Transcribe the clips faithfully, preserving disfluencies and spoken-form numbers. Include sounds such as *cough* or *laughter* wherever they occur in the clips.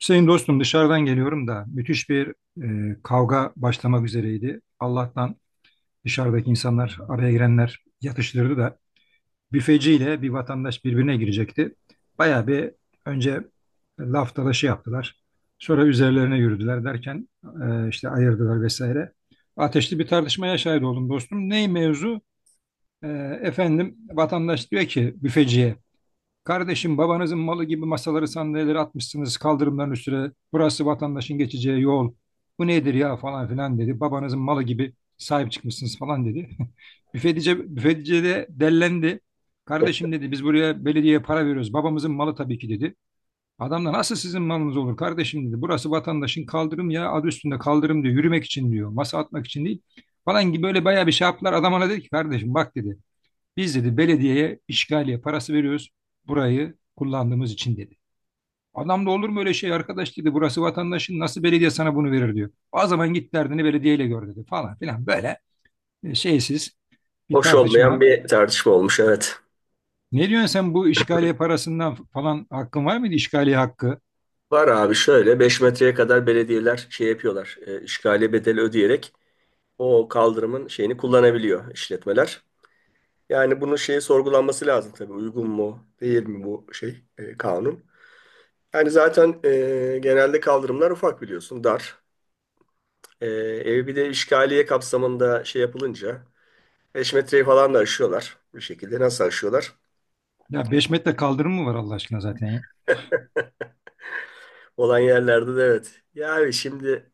Hüseyin dostum dışarıdan geliyorum da müthiş bir e, kavga başlamak üzereydi. Allah'tan dışarıdaki insanlar, araya girenler yatıştırdı da büfeciyle bir vatandaş birbirine girecekti. Bayağı bir önce laf dalaşı yaptılar. Sonra üzerlerine yürüdüler derken e, işte ayırdılar vesaire. Ateşli bir tartışmaya şahit oldum dostum. Ney mevzu? E, Efendim vatandaş diyor ki büfeciye, kardeşim babanızın malı gibi masaları sandalyeleri atmışsınız kaldırımların üstüne. Burası vatandaşın geçeceği yol. Bu nedir ya falan filan dedi. Babanızın malı gibi sahip çıkmışsınız falan dedi. *laughs* Büfetici, büfetici de dellendi. Kardeşim dedi, biz buraya belediyeye para veriyoruz. Babamızın malı tabii ki dedi. Adam da nasıl sizin malınız olur kardeşim dedi. Burası vatandaşın kaldırım ya, adı üstünde kaldırım diyor. Yürümek için diyor. Masa atmak için değil falan gibi böyle bayağı bir şey yaptılar. Adam ona dedi ki kardeşim bak dedi. Biz dedi belediyeye işgaliye parası veriyoruz burayı kullandığımız için dedi. Adam da olur mu öyle şey arkadaş dedi. Burası vatandaşın, nasıl belediye sana bunu verir diyor. O zaman git derdini belediyeyle gör dedi falan filan böyle e, şeysiz bir Hoş olmayan tartışma. bir tartışma olmuş, evet. Ne diyorsun sen bu işgaliye parasından falan, hakkın var mıydı işgaliye hakkı? Var abi, şöyle beş metreye kadar belediyeler şey yapıyorlar. E, işgaliye bedeli ödeyerek o kaldırımın şeyini kullanabiliyor işletmeler. Yani bunun şeyi sorgulanması lazım tabii. Uygun mu değil mi bu şey, e, kanun? Yani zaten e, genelde kaldırımlar ufak biliyorsun, dar. E, Ev, bir de işgaliye kapsamında şey yapılınca beş metreyi falan da aşıyorlar. Bu şekilde nasıl aşıyorlar? Ya beş metre kaldırım mı var Allah aşkına zaten ya? Olan yerlerde de, evet. Yani şimdi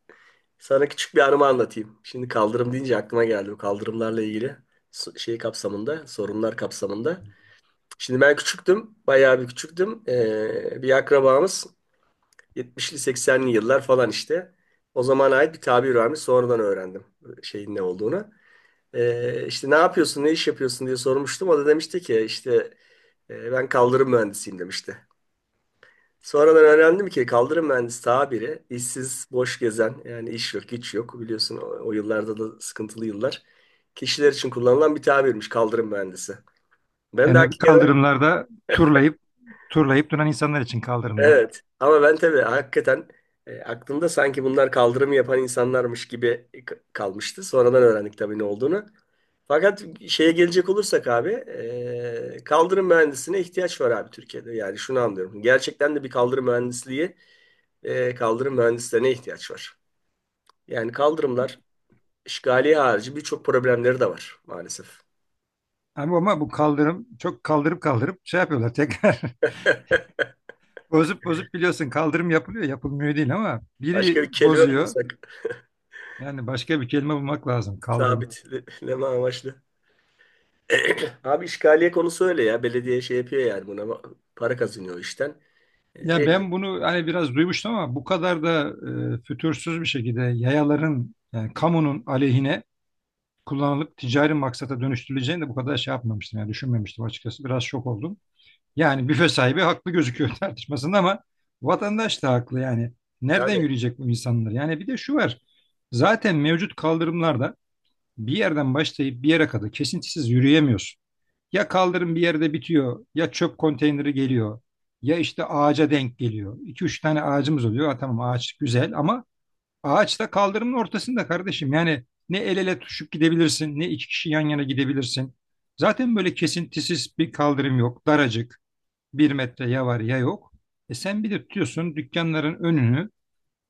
sana küçük bir anımı anlatayım. Şimdi kaldırım deyince aklıma geldi, bu kaldırımlarla ilgili so- şey kapsamında, sorunlar kapsamında. Şimdi ben küçüktüm, bayağı bir küçüktüm. Ee, bir akrabamız yetmişli seksenli yıllar falan işte. O zamana ait bir tabir varmış. Sonradan öğrendim şeyin ne olduğunu. Ee, işte ne yapıyorsun, ne iş yapıyorsun diye sormuştum. O da demişti ki işte, e, ben kaldırım mühendisiyim demişti. Sonradan öğrendim ki kaldırım mühendisi tabiri işsiz, boş gezen, yani iş yok, güç yok. Biliyorsun o, o yıllarda da sıkıntılı yıllar. Kişiler için kullanılan bir tabirmiş kaldırım mühendisi. Ben de Yani hakikaten, kaldırımlarda turlayıp turlayıp duran insanlar için kaldırımda. evet, ama ben tabii hakikaten e, aklımda sanki bunlar kaldırımı yapan insanlarmış gibi k- kalmıştı. Sonradan öğrendik tabii ne olduğunu. Fakat şeye gelecek olursak abi, e, kaldırım mühendisine ihtiyaç var abi Türkiye'de. Yani şunu anlıyorum. Gerçekten de bir kaldırım mühendisliği, e, kaldırım mühendislerine ihtiyaç var. Yani kaldırımlar işgaliye harici birçok problemleri de var maalesef. Ama, ama bu kaldırım çok kaldırıp kaldırıp şey yapıyorlar tekrar. *laughs* *laughs* Bozup bozup, biliyorsun, kaldırım yapılıyor yapılmıyor değil ama Başka biri bir kelime mi bozuyor. bulsak Yani başka bir kelime bulmak lazım kaldırım. sabitleme amaçlı. *clears throat* Abi işgaliye konusu öyle ya. Belediye şey yapıyor, yani buna para kazanıyor o işten. E, Ya veriyor. ben bunu hani biraz duymuştum ama bu kadar da e, fütursuz bir şekilde yayaların, yani kamunun aleyhine kullanılıp ticari maksata dönüştürüleceğini de bu kadar şey yapmamıştım. Yani düşünmemiştim, açıkçası biraz şok oldum. Yani büfe sahibi haklı gözüküyor *laughs* tartışmasında ama vatandaş da haklı yani. Nereden Tabii. yürüyecek bu insanlar? Yani bir de şu var. Zaten mevcut kaldırımlarda bir yerden başlayıp bir yere kadar kesintisiz yürüyemiyorsun. Ya kaldırım bir yerde bitiyor, ya çöp konteyneri geliyor, ya işte ağaca denk geliyor. iki üç tane ağacımız oluyor. Ha, tamam ağaç güzel ama ağaç da kaldırımın ortasında kardeşim. Yani ne el ele tutuşup gidebilirsin, ne iki kişi yan yana gidebilirsin. Zaten böyle kesintisiz bir kaldırım yok. Daracık. Bir metre ya var ya yok. E sen bir de tutuyorsun dükkanların önünü,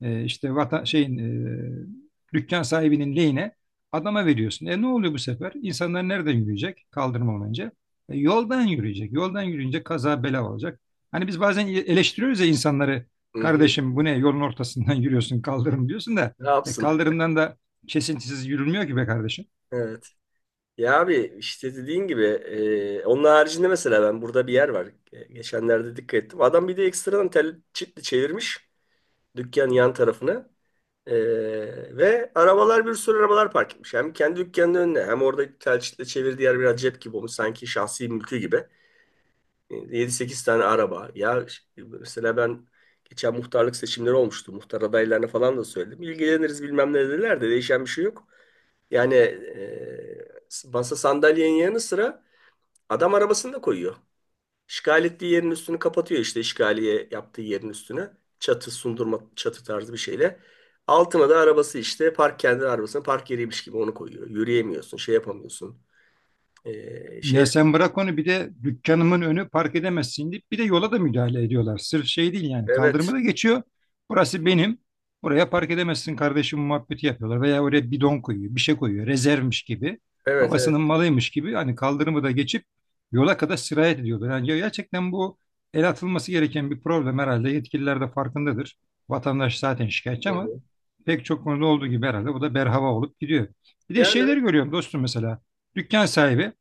e, işte vatan, şeyin, e, dükkan sahibinin lehine adama veriyorsun. E ne oluyor bu sefer? İnsanlar nereden yürüyecek? Kaldırım önce. E, yoldan yürüyecek. Yoldan yürüyünce kaza bela olacak. Hani biz bazen e, eleştiriyoruz ya insanları. Hı-hı. Kardeşim bu ne? Yolun ortasından *laughs* yürüyorsun kaldırım diyorsun da. Ne E, yapsın? kaldırımdan da kesintisiz yürünmüyor ki be kardeşim. Evet. Ya abi işte dediğin gibi, e, onun haricinde mesela ben burada bir yer var. E, geçenlerde dikkat ettim. Adam bir de ekstradan tel çitli çevirmiş. Dükkan yan tarafına. Ee, Ve arabalar, bir sürü arabalar park etmiş. Hem kendi dükkanının önüne hem orada telçitle çevirdiği yer biraz cep gibi olmuş. Sanki şahsi mülkü gibi. Ee, yedi sekiz tane araba. Ya ş- mesela ben geçen muhtarlık seçimleri olmuştu. Muhtar adaylarına falan da söyledim. İlgileniriz bilmem ne dediler de değişen bir şey yok. Yani e, masa sandalyenin yanı sıra adam arabasını da koyuyor. İşgal ettiği yerin üstünü kapatıyor, işte işgaliye yaptığı yerin üstüne. Çatı sundurma, çatı tarzı bir şeyle. Altına da arabası, işte park, kendi arabasına park yeriymiş gibi onu koyuyor. Yürüyemiyorsun, şey yapamıyorsun. Ee, Ya şey, sen bırak onu, bir de dükkanımın önü park edemezsin deyip bir de yola da müdahale ediyorlar. Sırf şey değil yani, kaldırımı evet. da geçiyor. Burası benim. Buraya park edemezsin kardeşim muhabbeti yapıyorlar. Veya oraya bidon koyuyor, bir şey koyuyor. Rezervmiş gibi. Evet, evet. Babasının malıymış gibi. Hani kaldırımı da geçip yola kadar sirayet ediyorlar. Yani gerçekten bu el atılması gereken bir problem herhalde. Yetkililer de farkındadır. Vatandaş zaten şikayetçi Hı ama hı. pek çok konuda olduğu gibi herhalde bu da berhava olup gidiyor. Bir de Yani şeyleri görüyorum dostum mesela. Dükkan sahibi,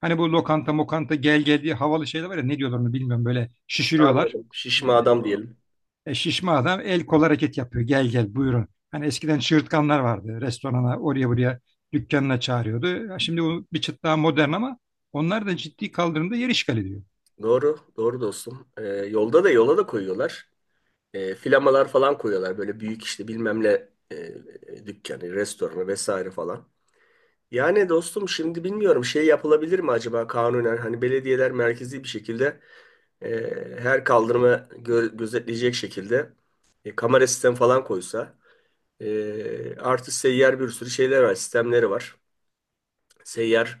hani bu lokanta mokanta gel gel diye havalı şeyler var ya, ne diyorlar onu bilmiyorum, böyle şişiriyorlar. anladım. Şişme Ee, adam o- diyelim. E, şişme adam el kol hareket yapıyor, gel gel buyurun. Hani eskiden çığırtkanlar vardı, restorana, oraya buraya, dükkanına çağırıyordu. Ya şimdi bu bir çıt daha modern ama onlar da ciddi kaldırımda yer işgal ediyor. Doğru, doğru dostum. Ee, yolda da, yola da koyuyorlar. Ee, flamalar falan koyuyorlar. Böyle büyük işte bilmem ne, e, e, dükkanı, restoranı vesaire falan. Yani dostum şimdi bilmiyorum, şey yapılabilir mi acaba kanunen, hani belediyeler merkezi bir şekilde e, her kaldırımı gö- gözetleyecek şekilde e, kamera sistem falan koysa, e, artı seyyar bir sürü şeyler var, sistemleri var, seyyar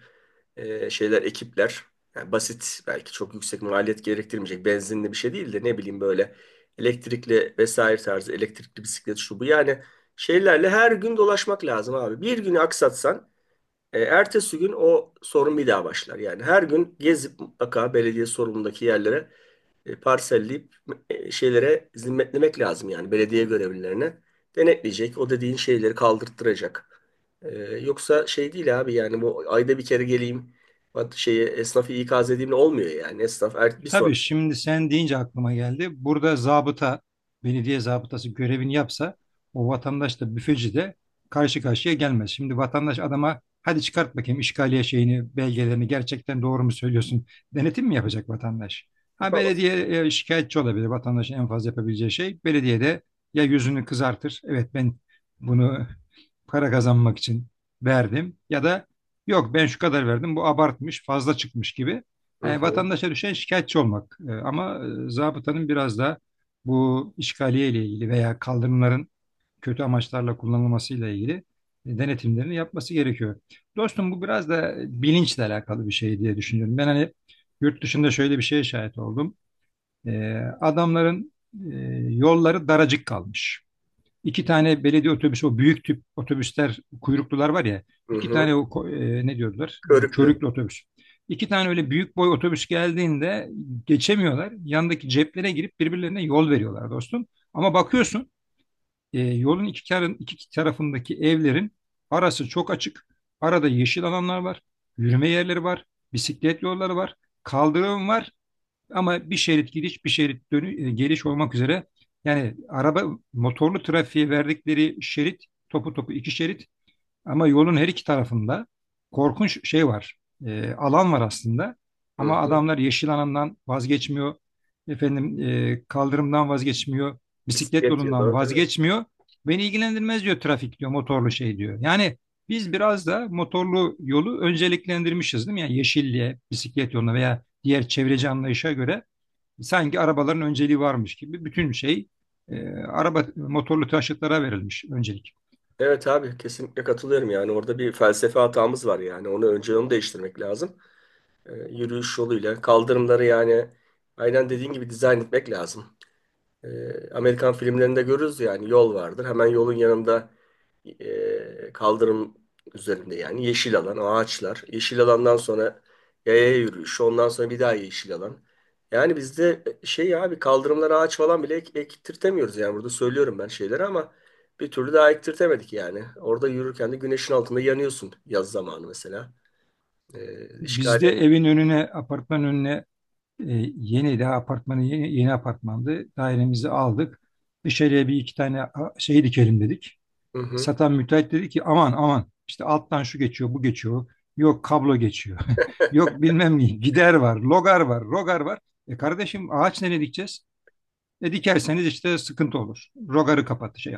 e, şeyler, ekipler. Yani basit, belki çok yüksek maliyet gerektirmeyecek, benzinli bir şey değil de, ne bileyim, böyle elektrikli vesaire tarzı, elektrikli bisiklet şu bu, yani şeylerle her gün dolaşmak lazım abi. Bir günü aksatsan e, ertesi gün o sorun bir daha başlar. Yani her gün gezip mutlaka belediye sorumlundaki yerlere e, parselleyip e, şeylere zimmetlemek lazım yani belediye görevlilerine. Denetleyecek, o dediğin şeyleri kaldırttıracak. E, yoksa şey değil abi, yani bu ayda bir kere geleyim, bak şeyi esnafı ikaz edeyimle olmuyor yani. Esnaf er, bir sonra Tabii şimdi sen deyince aklıma geldi. Burada zabıta, belediye zabıtası görevini yapsa o vatandaş da büfeci de karşı karşıya gelmez. Şimdi vatandaş adama, hadi çıkart bakayım işgaliye şeyini, belgelerini, gerçekten doğru mu söylüyorsun? Denetim mi yapacak vatandaş? Ha yapamaz. belediye e, şikayetçi olabilir. Vatandaşın en fazla yapabileceği şey belediye de ya yüzünü kızartır. Evet ben bunu para kazanmak için verdim, ya da yok ben şu kadar verdim bu abartmış fazla çıkmış gibi. Hı Yani hı, vatandaşa düşen şikayetçi olmak. E, ama e, zabıtanın biraz da bu işgaliye ile ilgili veya kaldırımların kötü amaçlarla kullanılmasıyla ilgili e, denetimlerini yapması gerekiyor. Dostum bu biraz da bilinçle alakalı bir şey diye düşünüyorum. Ben hani yurt dışında şöyle bir şeye şahit oldum. E, Adamların e, yolları daracık kalmış. İki tane belediye otobüsü, o büyük tip otobüsler, kuyruklular var ya. hı İki tane hı. o ko- e, ne diyorlar? E, Körüklü. körüklü otobüs. İki tane öyle büyük boy otobüs geldiğinde geçemiyorlar. Yandaki ceplere girip birbirlerine yol veriyorlar dostum. Ama bakıyorsun e, yolun iki, karın, iki tarafındaki evlerin arası çok açık. Arada yeşil alanlar var, yürüme yerleri var, bisiklet yolları var, kaldırım var. Ama bir şerit gidiş, bir şerit dönü, e, geliş olmak üzere, yani araba, motorlu trafiğe verdikleri şerit topu topu iki şerit, ama yolun her iki tarafında korkunç şey var. E, alan var aslında. Hı Ama hı. adamlar yeşil alandan vazgeçmiyor. Efendim e, kaldırımdan vazgeçmiyor. Bisiklet Bisiklet ya yolundan da değil mi? vazgeçmiyor. Beni ilgilendirmez diyor, trafik diyor, motorlu şey diyor. Yani biz biraz da motorlu yolu önceliklendirmişiz değil mi? Yani yeşilliğe, bisiklet yoluna veya diğer çevreci anlayışa göre sanki arabaların önceliği varmış gibi bütün şey, e, araba, motorlu taşıtlara verilmiş öncelik. Evet abi, kesinlikle katılıyorum. Yani orada bir felsefe hatamız var, yani onu önce onu değiştirmek lazım. Ee, yürüyüş yoluyla kaldırımları, yani aynen dediğin gibi dizayn etmek lazım. E, Amerikan filmlerinde görürüz yani, yol vardır. Hemen yolun yanında e, kaldırım üzerinde yani yeşil alan, ağaçlar. Yeşil alandan sonra yaya yürüyüşü, ondan sonra bir daha yeşil alan. Yani bizde şey abi, kaldırımlara ağaç falan bile ek, ektirtemiyoruz yani. Burada söylüyorum ben şeyleri ama bir türlü daha ektirtemedik yani. Orada yürürken de güneşin altında yanıyorsun yaz zamanı mesela. E, Bizde işgali, evin önüne, apartmanın önüne, e, yeni daha apartmanı, yeni, yeni apartmandı. Dairemizi aldık. Dışarıya bir iki tane a, şey dikelim dedik. hı hı. Satan müteahhit dedi ki aman aman işte alttan şu geçiyor, bu geçiyor. Yok kablo geçiyor. *laughs* Yok bilmem ne, gider var, logar var, rogar var. E kardeşim ağaç nereye dikeceğiz? E dikerseniz işte sıkıntı olur. Rogarı kapat şey,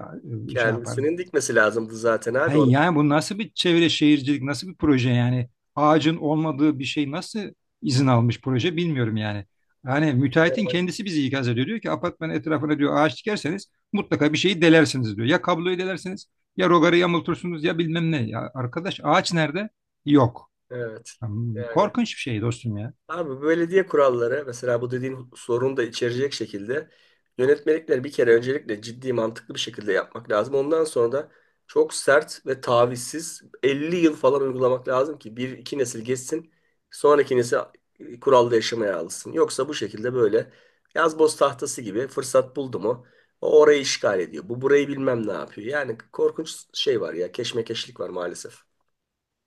şey yapar. Kendisinin dikmesi lazımdı zaten abi Hayır onu. yani bu nasıl bir çevre şehircilik, nasıl bir proje yani? Ağacın olmadığı bir şey nasıl izin almış proje bilmiyorum yani. Yani müteahhitin Evet. kendisi bizi ikaz ediyor. Diyor ki apartmanın etrafına diyor ağaç dikerseniz mutlaka bir şeyi delersiniz diyor. Ya kabloyu delersiniz, ya rogarı yamultursunuz, ya bilmem ne. Ya arkadaş ağaç nerede? Yok. Evet. Hmm, Yani korkunç bir şey dostum ya. abi belediye kuralları mesela, bu dediğin sorunu da içerecek şekilde yönetmelikleri bir kere öncelikle ciddi, mantıklı bir şekilde yapmak lazım. Ondan sonra da çok sert ve tavizsiz elli yıl falan uygulamak lazım ki bir iki nesil geçsin, sonraki nesil e, kuralda yaşamaya alışsın. Yoksa bu şekilde böyle yazboz tahtası gibi, fırsat buldu mu o orayı işgal ediyor. Bu burayı bilmem ne yapıyor. Yani korkunç şey var ya, keşmekeşlik var maalesef.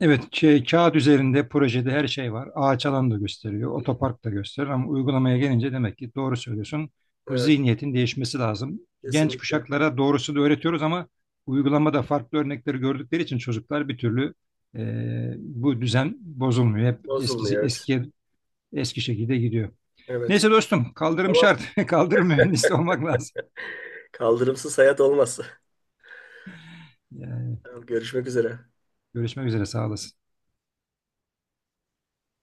Evet, şey, kağıt üzerinde projede her şey var. Ağaç alan da gösteriyor, otopark da gösteriyor ama uygulamaya gelince demek ki doğru söylüyorsun. Bu Evet, zihniyetin değişmesi lazım. Genç kesinlikle kuşaklara doğrusu da öğretiyoruz ama uygulamada farklı örnekleri gördükleri için çocuklar bir türlü e, bu düzen bozulmuyor. Hep eskisi bozulmuyor, evet. eskiye eski şekilde gidiyor. Evet. Neyse dostum, kaldırım Tamam. şart. *laughs* Kaldırım mühendisi olmak lazım. Kaldırımsız hayat olmaz. Yani *laughs* Tamam, görüşmek üzere. görüşmek üzere, sağ olasın.